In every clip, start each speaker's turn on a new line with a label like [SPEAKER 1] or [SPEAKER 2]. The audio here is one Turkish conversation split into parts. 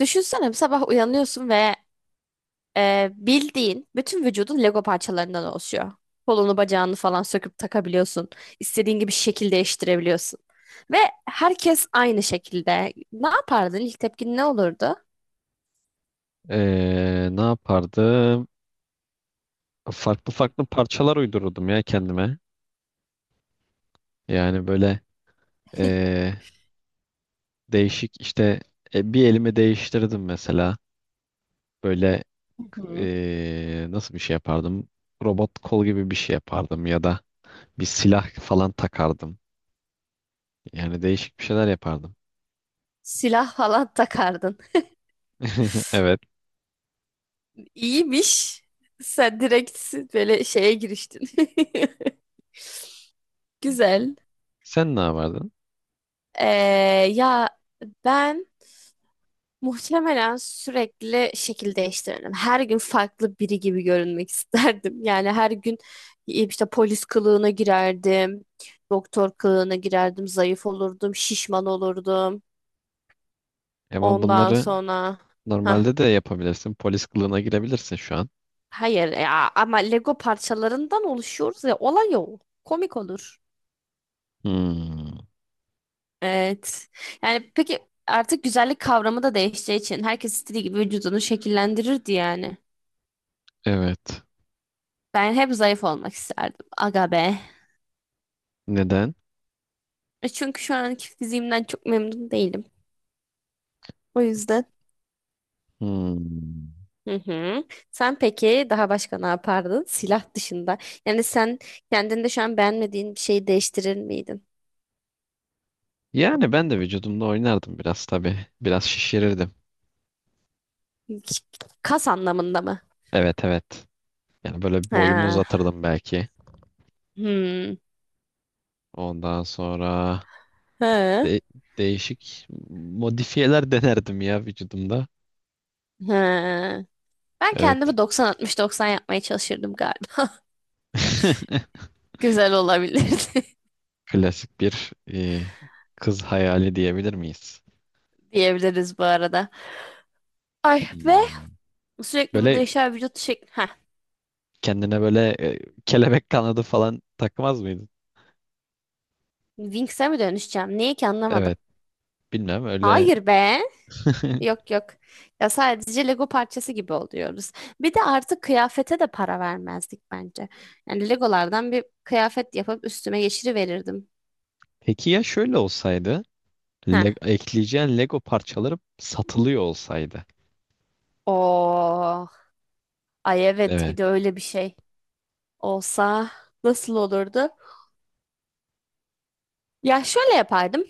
[SPEAKER 1] Düşünsene sabah uyanıyorsun ve bildiğin bütün vücudun Lego parçalarından oluşuyor. Kolunu bacağını falan söküp takabiliyorsun. İstediğin gibi şekil değiştirebiliyorsun. Ve herkes aynı şekilde. Ne yapardın? İlk tepkin ne olurdu?
[SPEAKER 2] Ne yapardım? Farklı farklı parçalar uydururdum ya kendime. Yani böyle ee, değişik işte bir elimi değiştirdim mesela. Böyle nasıl bir şey yapardım? Robot kol gibi bir şey yapardım ya da bir silah falan takardım. Yani değişik bir şeyler yapardım.
[SPEAKER 1] Silah falan takardın.
[SPEAKER 2] Evet.
[SPEAKER 1] İyiymiş. Sen direkt böyle şeye giriştin. Güzel.
[SPEAKER 2] Sen ne yapardın?
[SPEAKER 1] Ee, ya ben muhtemelen sürekli şekil değiştirirdim. Her gün farklı biri gibi görünmek isterdim. Yani her gün işte polis kılığına girerdim, doktor kılığına girerdim, zayıf olurdum, şişman olurdum.
[SPEAKER 2] Ama
[SPEAKER 1] Ondan
[SPEAKER 2] bunları
[SPEAKER 1] sonra Hah,
[SPEAKER 2] normalde de yapabilirsin. Polis kılığına girebilirsin şu an.
[SPEAKER 1] hayır ya ama Lego parçalarından oluşuyoruz ya olay o. Komik olur.
[SPEAKER 2] Hmm,
[SPEAKER 1] Evet. Yani peki artık güzellik kavramı da değişeceği için herkes istediği gibi vücudunu şekillendirirdi yani.
[SPEAKER 2] evet.
[SPEAKER 1] Ben hep zayıf olmak isterdim. Aga be.
[SPEAKER 2] Neden?
[SPEAKER 1] E çünkü şu anki fiziğimden çok memnun değilim. O yüzden.
[SPEAKER 2] Hmm.
[SPEAKER 1] Hı hı. Sen peki daha başka ne yapardın? Silah dışında. Yani sen kendinde şu an beğenmediğin bir şeyi değiştirir miydin?
[SPEAKER 2] Yani ben de vücudumda oynardım biraz tabii. Biraz şişirirdim.
[SPEAKER 1] Kas anlamında mı?
[SPEAKER 2] Evet, evet. Yani böyle boyumu
[SPEAKER 1] Ha.
[SPEAKER 2] uzatırdım belki.
[SPEAKER 1] Hmm.
[SPEAKER 2] Ondan sonra
[SPEAKER 1] He.
[SPEAKER 2] De- değişik modifiyeler denerdim ya vücudumda.
[SPEAKER 1] He. Ben
[SPEAKER 2] Evet.
[SPEAKER 1] kendimi 90-60-90 yapmaya çalışırdım galiba. Güzel olabilirdi.
[SPEAKER 2] Klasik bir kız hayali diyebilir miyiz?
[SPEAKER 1] Diyebiliriz bu arada. Ay ve
[SPEAKER 2] Hmm.
[SPEAKER 1] sürekli bu
[SPEAKER 2] Böyle
[SPEAKER 1] değişen vücut şekli. Heh,
[SPEAKER 2] kendine böyle kelebek kanadı falan takmaz mıydın?
[SPEAKER 1] Winx'e mi dönüşeceğim? Niye ki anlamadım.
[SPEAKER 2] Evet. Bilmem öyle.
[SPEAKER 1] Hayır be. Yok yok. Ya sadece Lego parçası gibi oluyoruz. Bir de artık kıyafete de para vermezdik bence. Yani Legolardan bir kıyafet yapıp üstüme geçiriverirdim.
[SPEAKER 2] Peki ya şöyle olsaydı?
[SPEAKER 1] Heh.
[SPEAKER 2] Le ekleyeceğin Lego parçaları satılıyor olsaydı.
[SPEAKER 1] Oh. Ay evet bir
[SPEAKER 2] Evet.
[SPEAKER 1] de öyle bir şey olsa nasıl olurdu? Ya şöyle yapardım.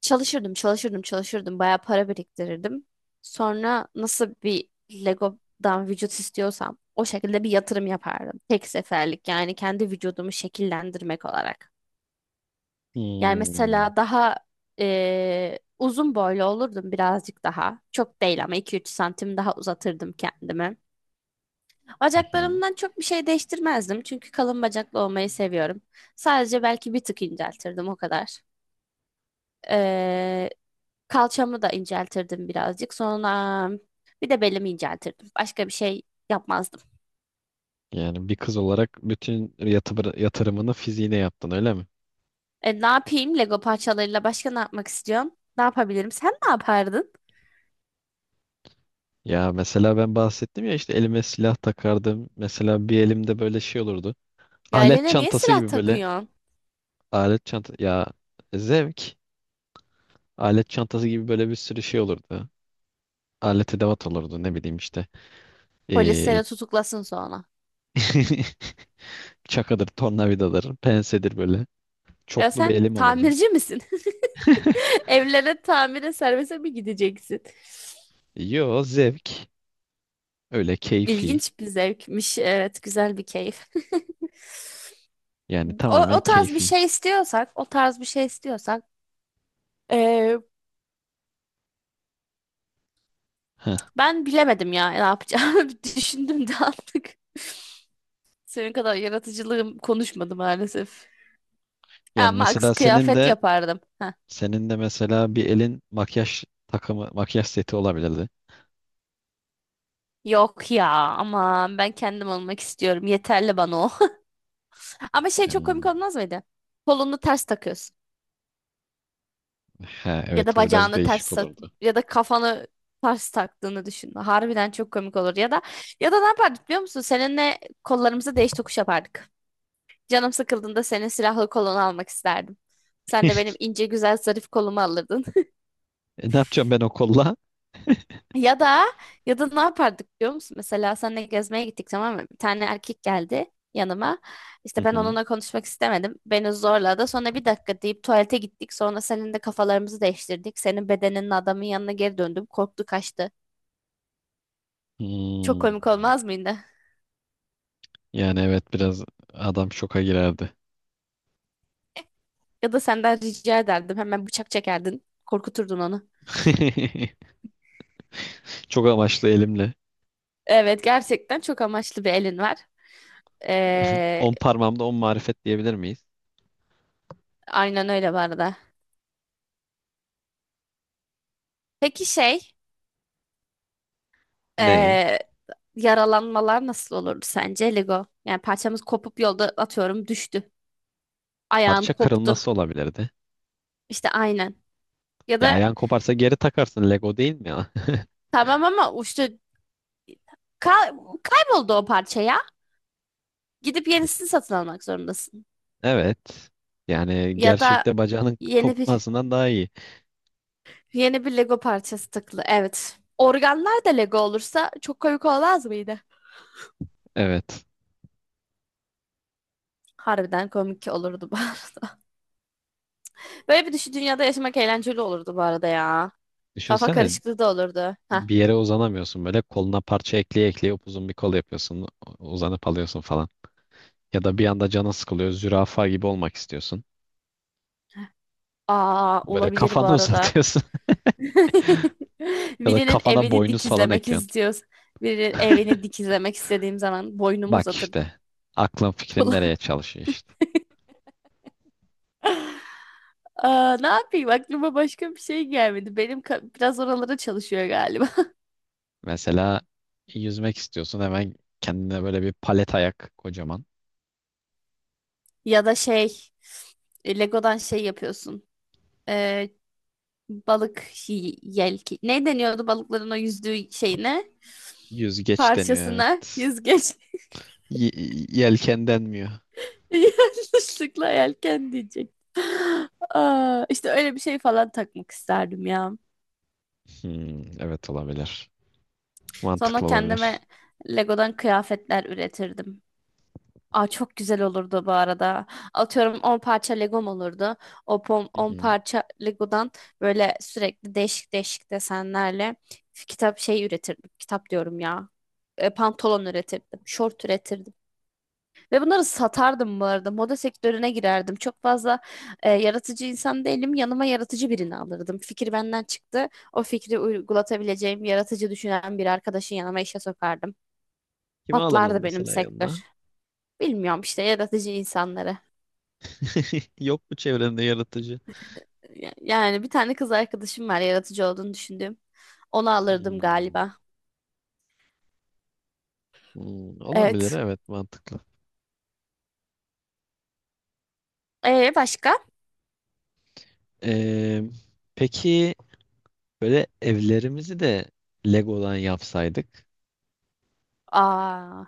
[SPEAKER 1] Çalışırdım, çalışırdım, çalışırdım. Bayağı para biriktirirdim. Sonra nasıl bir Lego'dan vücut istiyorsam o şekilde bir yatırım yapardım. Tek seferlik yani kendi vücudumu şekillendirmek olarak. Yani
[SPEAKER 2] Hmm.
[SPEAKER 1] mesela daha uzun boylu olurdum birazcık daha. Çok değil ama 2-3 santim daha uzatırdım kendimi.
[SPEAKER 2] Hı hı.
[SPEAKER 1] Bacaklarımdan çok bir şey değiştirmezdim. Çünkü kalın bacaklı olmayı seviyorum. Sadece belki bir tık inceltirdim o kadar. Kalçamı da inceltirdim birazcık. Sonra bir de belimi inceltirdim. Başka bir şey yapmazdım.
[SPEAKER 2] Yani bir kız olarak bütün yatırımını fiziğine yaptın öyle mi?
[SPEAKER 1] E, ne yapayım? Lego parçalarıyla başka ne yapmak istiyorum? Ne yapabilirim? Sen ne yapardın?
[SPEAKER 2] Ya mesela ben bahsettim ya işte elime silah takardım. Mesela bir elimde böyle şey olurdu.
[SPEAKER 1] Ya
[SPEAKER 2] Alet
[SPEAKER 1] eline niye
[SPEAKER 2] çantası
[SPEAKER 1] silah
[SPEAKER 2] gibi böyle
[SPEAKER 1] takıyorsun?
[SPEAKER 2] alet çanta ya zevk. Alet çantası gibi böyle bir sürü şey olurdu. Alet edevat olurdu ne bileyim işte.
[SPEAKER 1] Polis
[SPEAKER 2] Ee,
[SPEAKER 1] seni tutuklasın sonra.
[SPEAKER 2] çakadır, tornavidadır, pensedir böyle.
[SPEAKER 1] Ya
[SPEAKER 2] Çoklu bir
[SPEAKER 1] sen
[SPEAKER 2] elim olurdu.
[SPEAKER 1] tamirci misin? Evlere tamire servise mi gideceksin?
[SPEAKER 2] Yo, zevk. Öyle keyfi.
[SPEAKER 1] İlginç bir zevkmiş. Evet, güzel bir keyif.
[SPEAKER 2] Yani
[SPEAKER 1] O,
[SPEAKER 2] tamamen
[SPEAKER 1] o tarz bir
[SPEAKER 2] keyfi.
[SPEAKER 1] şey istiyorsak, o tarz bir şey istiyorsak, e,
[SPEAKER 2] Heh.
[SPEAKER 1] ben bilemedim ya ne yapacağımı. Düşündüm de artık. Senin kadar yaratıcılığım konuşmadı maalesef. Ya
[SPEAKER 2] Yani
[SPEAKER 1] Max
[SPEAKER 2] mesela senin
[SPEAKER 1] kıyafet
[SPEAKER 2] de
[SPEAKER 1] yapardım. Heh.
[SPEAKER 2] mesela bir elin makyaj takımı, makyaj seti olabilirdi.
[SPEAKER 1] Yok ya aman ben kendim olmak istiyorum. Yeterli bana o. Ama şey çok komik
[SPEAKER 2] Hmm.
[SPEAKER 1] olmaz mıydı? Kolunu ters takıyorsun.
[SPEAKER 2] He,
[SPEAKER 1] Ya da
[SPEAKER 2] evet o biraz
[SPEAKER 1] bacağını
[SPEAKER 2] değişik
[SPEAKER 1] ters tak
[SPEAKER 2] olurdu.
[SPEAKER 1] ya da kafanı ters taktığını düşün. Harbiden çok komik olur. Ya da ya da ne yapardık biliyor musun? Seninle kollarımızı değiş tokuş yapardık. Canım sıkıldığında senin silahlı kolunu almak isterdim. Sen de benim ince güzel zarif kolumu alırdın.
[SPEAKER 2] E, ne yapacağım ben o kolla?
[SPEAKER 1] Ya da ya da ne yapardık biliyor musun? Mesela seninle gezmeye gittik, tamam mı? Bir tane erkek geldi yanıma.
[SPEAKER 2] Hı
[SPEAKER 1] İşte ben
[SPEAKER 2] hı.
[SPEAKER 1] onunla konuşmak istemedim. Beni zorladı. Sonra bir dakika deyip tuvalete gittik. Sonra senin de kafalarımızı değiştirdik. Senin bedeninin adamın yanına geri döndüm. Korktu kaçtı. Çok
[SPEAKER 2] Hmm.
[SPEAKER 1] komik olmaz mıydı?
[SPEAKER 2] Yani evet biraz adam şoka girerdi.
[SPEAKER 1] Ya da senden rica ederdim. Hemen bıçak çekerdin. Korkuturdun onu.
[SPEAKER 2] Çok amaçlı elimle.
[SPEAKER 1] Evet gerçekten çok amaçlı bir elin var. Ee,
[SPEAKER 2] On parmağımda on marifet diyebilir miyiz?
[SPEAKER 1] Aynen öyle bu arada. Peki şey,
[SPEAKER 2] Ney?
[SPEAKER 1] eee, yaralanmalar nasıl olurdu sence Lego? Yani parçamız kopup yolda atıyorum düştü. Ayağın
[SPEAKER 2] Parça
[SPEAKER 1] koptu.
[SPEAKER 2] kırılması olabilirdi.
[SPEAKER 1] İşte aynen. Ya
[SPEAKER 2] Ya
[SPEAKER 1] da
[SPEAKER 2] ayağın koparsa geri takarsın Lego değil mi ya?
[SPEAKER 1] tamam ama işte kay- kayboldu o parça ya. Gidip yenisini satın almak zorundasın.
[SPEAKER 2] Evet. Yani
[SPEAKER 1] Ya da
[SPEAKER 2] gerçekte bacağının
[SPEAKER 1] yeni bir
[SPEAKER 2] kopmasından daha iyi.
[SPEAKER 1] yeni bir Lego parçası takılı. Evet. Organlar da Lego olursa çok komik olmaz mıydı?
[SPEAKER 2] Evet.
[SPEAKER 1] Harbiden komik olurdu bu arada. Böyle bir düşü dünyada yaşamak eğlenceli olurdu bu arada ya. Kafa
[SPEAKER 2] Düşünsene
[SPEAKER 1] karışıklığı da olurdu. Heh.
[SPEAKER 2] bir yere uzanamıyorsun böyle koluna parça ekleye ekleye upuzun bir kol yapıyorsun. Uzanıp alıyorsun falan. Ya da bir anda canın sıkılıyor. Zürafa gibi olmak istiyorsun.
[SPEAKER 1] Aa
[SPEAKER 2] Böyle
[SPEAKER 1] olabilir bu
[SPEAKER 2] kafanı
[SPEAKER 1] arada.
[SPEAKER 2] uzatıyorsun. Ya da
[SPEAKER 1] Birinin
[SPEAKER 2] kafana
[SPEAKER 1] evini
[SPEAKER 2] boynuz falan
[SPEAKER 1] dikizlemek
[SPEAKER 2] ekliyorsun.
[SPEAKER 1] istiyoruz. Birinin evini dikizlemek istediğim zaman boynumu
[SPEAKER 2] Bak
[SPEAKER 1] uzatırdım.
[SPEAKER 2] işte. Aklın fikrin nereye çalışıyor işte.
[SPEAKER 1] Aa, ne yapayım aklıma başka bir şey gelmedi. Biraz oralara çalışıyor galiba.
[SPEAKER 2] Mesela yüzmek istiyorsun. Hemen kendine böyle bir palet ayak kocaman.
[SPEAKER 1] Ya da şey Lego'dan şey yapıyorsun. Ee, balık yelki. Ne deniyordu balıkların o yüzdüğü şeyine?
[SPEAKER 2] Yüzgeç deniyor,
[SPEAKER 1] Parçasına
[SPEAKER 2] evet.
[SPEAKER 1] yüzgeç.
[SPEAKER 2] Y yelken denmiyor.
[SPEAKER 1] Yanlışlıkla yelken diyecek. Aa, işte öyle bir şey falan takmak isterdim ya.
[SPEAKER 2] Hmm, evet olabilir.
[SPEAKER 1] Sonra
[SPEAKER 2] Mantıklı
[SPEAKER 1] kendime
[SPEAKER 2] olabilir.
[SPEAKER 1] Lego'dan kıyafetler üretirdim. Aa, çok güzel olurdu bu arada. Atıyorum 10 parça Legom olurdu. O
[SPEAKER 2] Hı
[SPEAKER 1] on
[SPEAKER 2] hı.
[SPEAKER 1] parça Lego'dan böyle sürekli değişik değişik desenlerle kitap şey üretirdim. Kitap diyorum ya. E, pantolon üretirdim. Şort üretirdim. Ve bunları satardım bu arada. Moda sektörüne girerdim. Çok fazla yaratıcı insan değilim. Yanıma yaratıcı birini alırdım. Fikir benden çıktı. O fikri uygulatabileceğim, yaratıcı düşünen bir arkadaşın yanıma işe sokardım.
[SPEAKER 2] Kimi alırdım
[SPEAKER 1] Patlardı benim
[SPEAKER 2] mesela
[SPEAKER 1] sektör.
[SPEAKER 2] yanına?
[SPEAKER 1] Bilmiyorum işte yaratıcı insanları.
[SPEAKER 2] Yok mu çevrende yaratıcı?
[SPEAKER 1] Yani bir tane kız arkadaşım var yaratıcı olduğunu düşündüğüm. Onu alırdım
[SPEAKER 2] Hmm,
[SPEAKER 1] galiba.
[SPEAKER 2] hmm, olabilir
[SPEAKER 1] Evet.
[SPEAKER 2] evet, mantıklı.
[SPEAKER 1] Başka?
[SPEAKER 2] Ee, peki böyle evlerimizi de Lego'dan yapsaydık
[SPEAKER 1] Aa.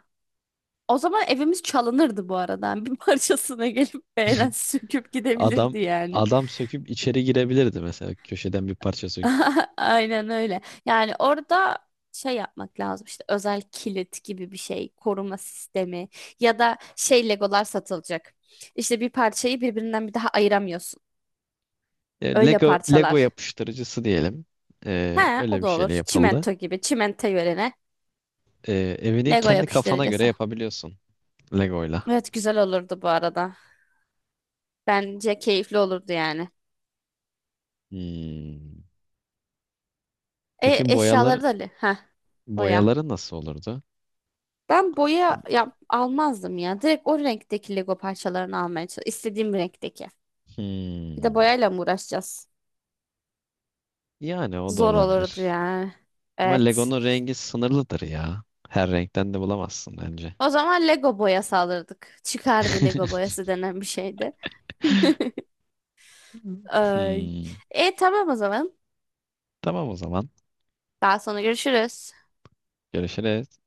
[SPEAKER 1] O zaman evimiz çalınırdı bu arada. Bir parçasına gelip beğenen söküp
[SPEAKER 2] adam
[SPEAKER 1] gidebilirdi yani.
[SPEAKER 2] adam söküp içeri girebilirdi mesela köşeden bir parça söküp.
[SPEAKER 1] Aynen öyle. Yani orada şey yapmak lazım işte özel kilit gibi bir şey, koruma sistemi ya da şey Legolar satılacak. İşte bir parçayı birbirinden bir daha ayıramıyorsun.
[SPEAKER 2] E,
[SPEAKER 1] Öyle
[SPEAKER 2] Lego
[SPEAKER 1] parçalar.
[SPEAKER 2] yapıştırıcısı diyelim.
[SPEAKER 1] He,
[SPEAKER 2] Öyle
[SPEAKER 1] o
[SPEAKER 2] bir
[SPEAKER 1] da olur.
[SPEAKER 2] şeyle yapıldı.
[SPEAKER 1] Çimento gibi, çimento yerine
[SPEAKER 2] Ee, evini
[SPEAKER 1] Lego
[SPEAKER 2] kendi kafana göre
[SPEAKER 1] yapıştırıcısı.
[SPEAKER 2] yapabiliyorsun Lego'yla.
[SPEAKER 1] Evet güzel olurdu bu arada. Bence keyifli olurdu yani.
[SPEAKER 2] Hmm.
[SPEAKER 1] E
[SPEAKER 2] Peki
[SPEAKER 1] eşyaları da li- heh, boya.
[SPEAKER 2] boyaları nasıl olurdu?
[SPEAKER 1] Ben boya yap almazdım ya. Direkt o renkteki Lego parçalarını almaya çalışıyorum. İstediğim renkteki. Bir de
[SPEAKER 2] Hmm.
[SPEAKER 1] boyayla mı uğraşacağız?
[SPEAKER 2] Yani o da
[SPEAKER 1] Zor olurdu
[SPEAKER 2] olabilir.
[SPEAKER 1] yani.
[SPEAKER 2] Ama
[SPEAKER 1] Evet.
[SPEAKER 2] Lego'nun rengi sınırlıdır ya. Her renkten de bulamazsın bence.
[SPEAKER 1] O zaman Lego boyası alırdık. Çıkardı Lego boyası denen bir şeydi. Ay.
[SPEAKER 2] Hmm.
[SPEAKER 1] E tamam o zaman.
[SPEAKER 2] Tamam o zaman.
[SPEAKER 1] Daha sonra görüşürüz.
[SPEAKER 2] Görüşürüz.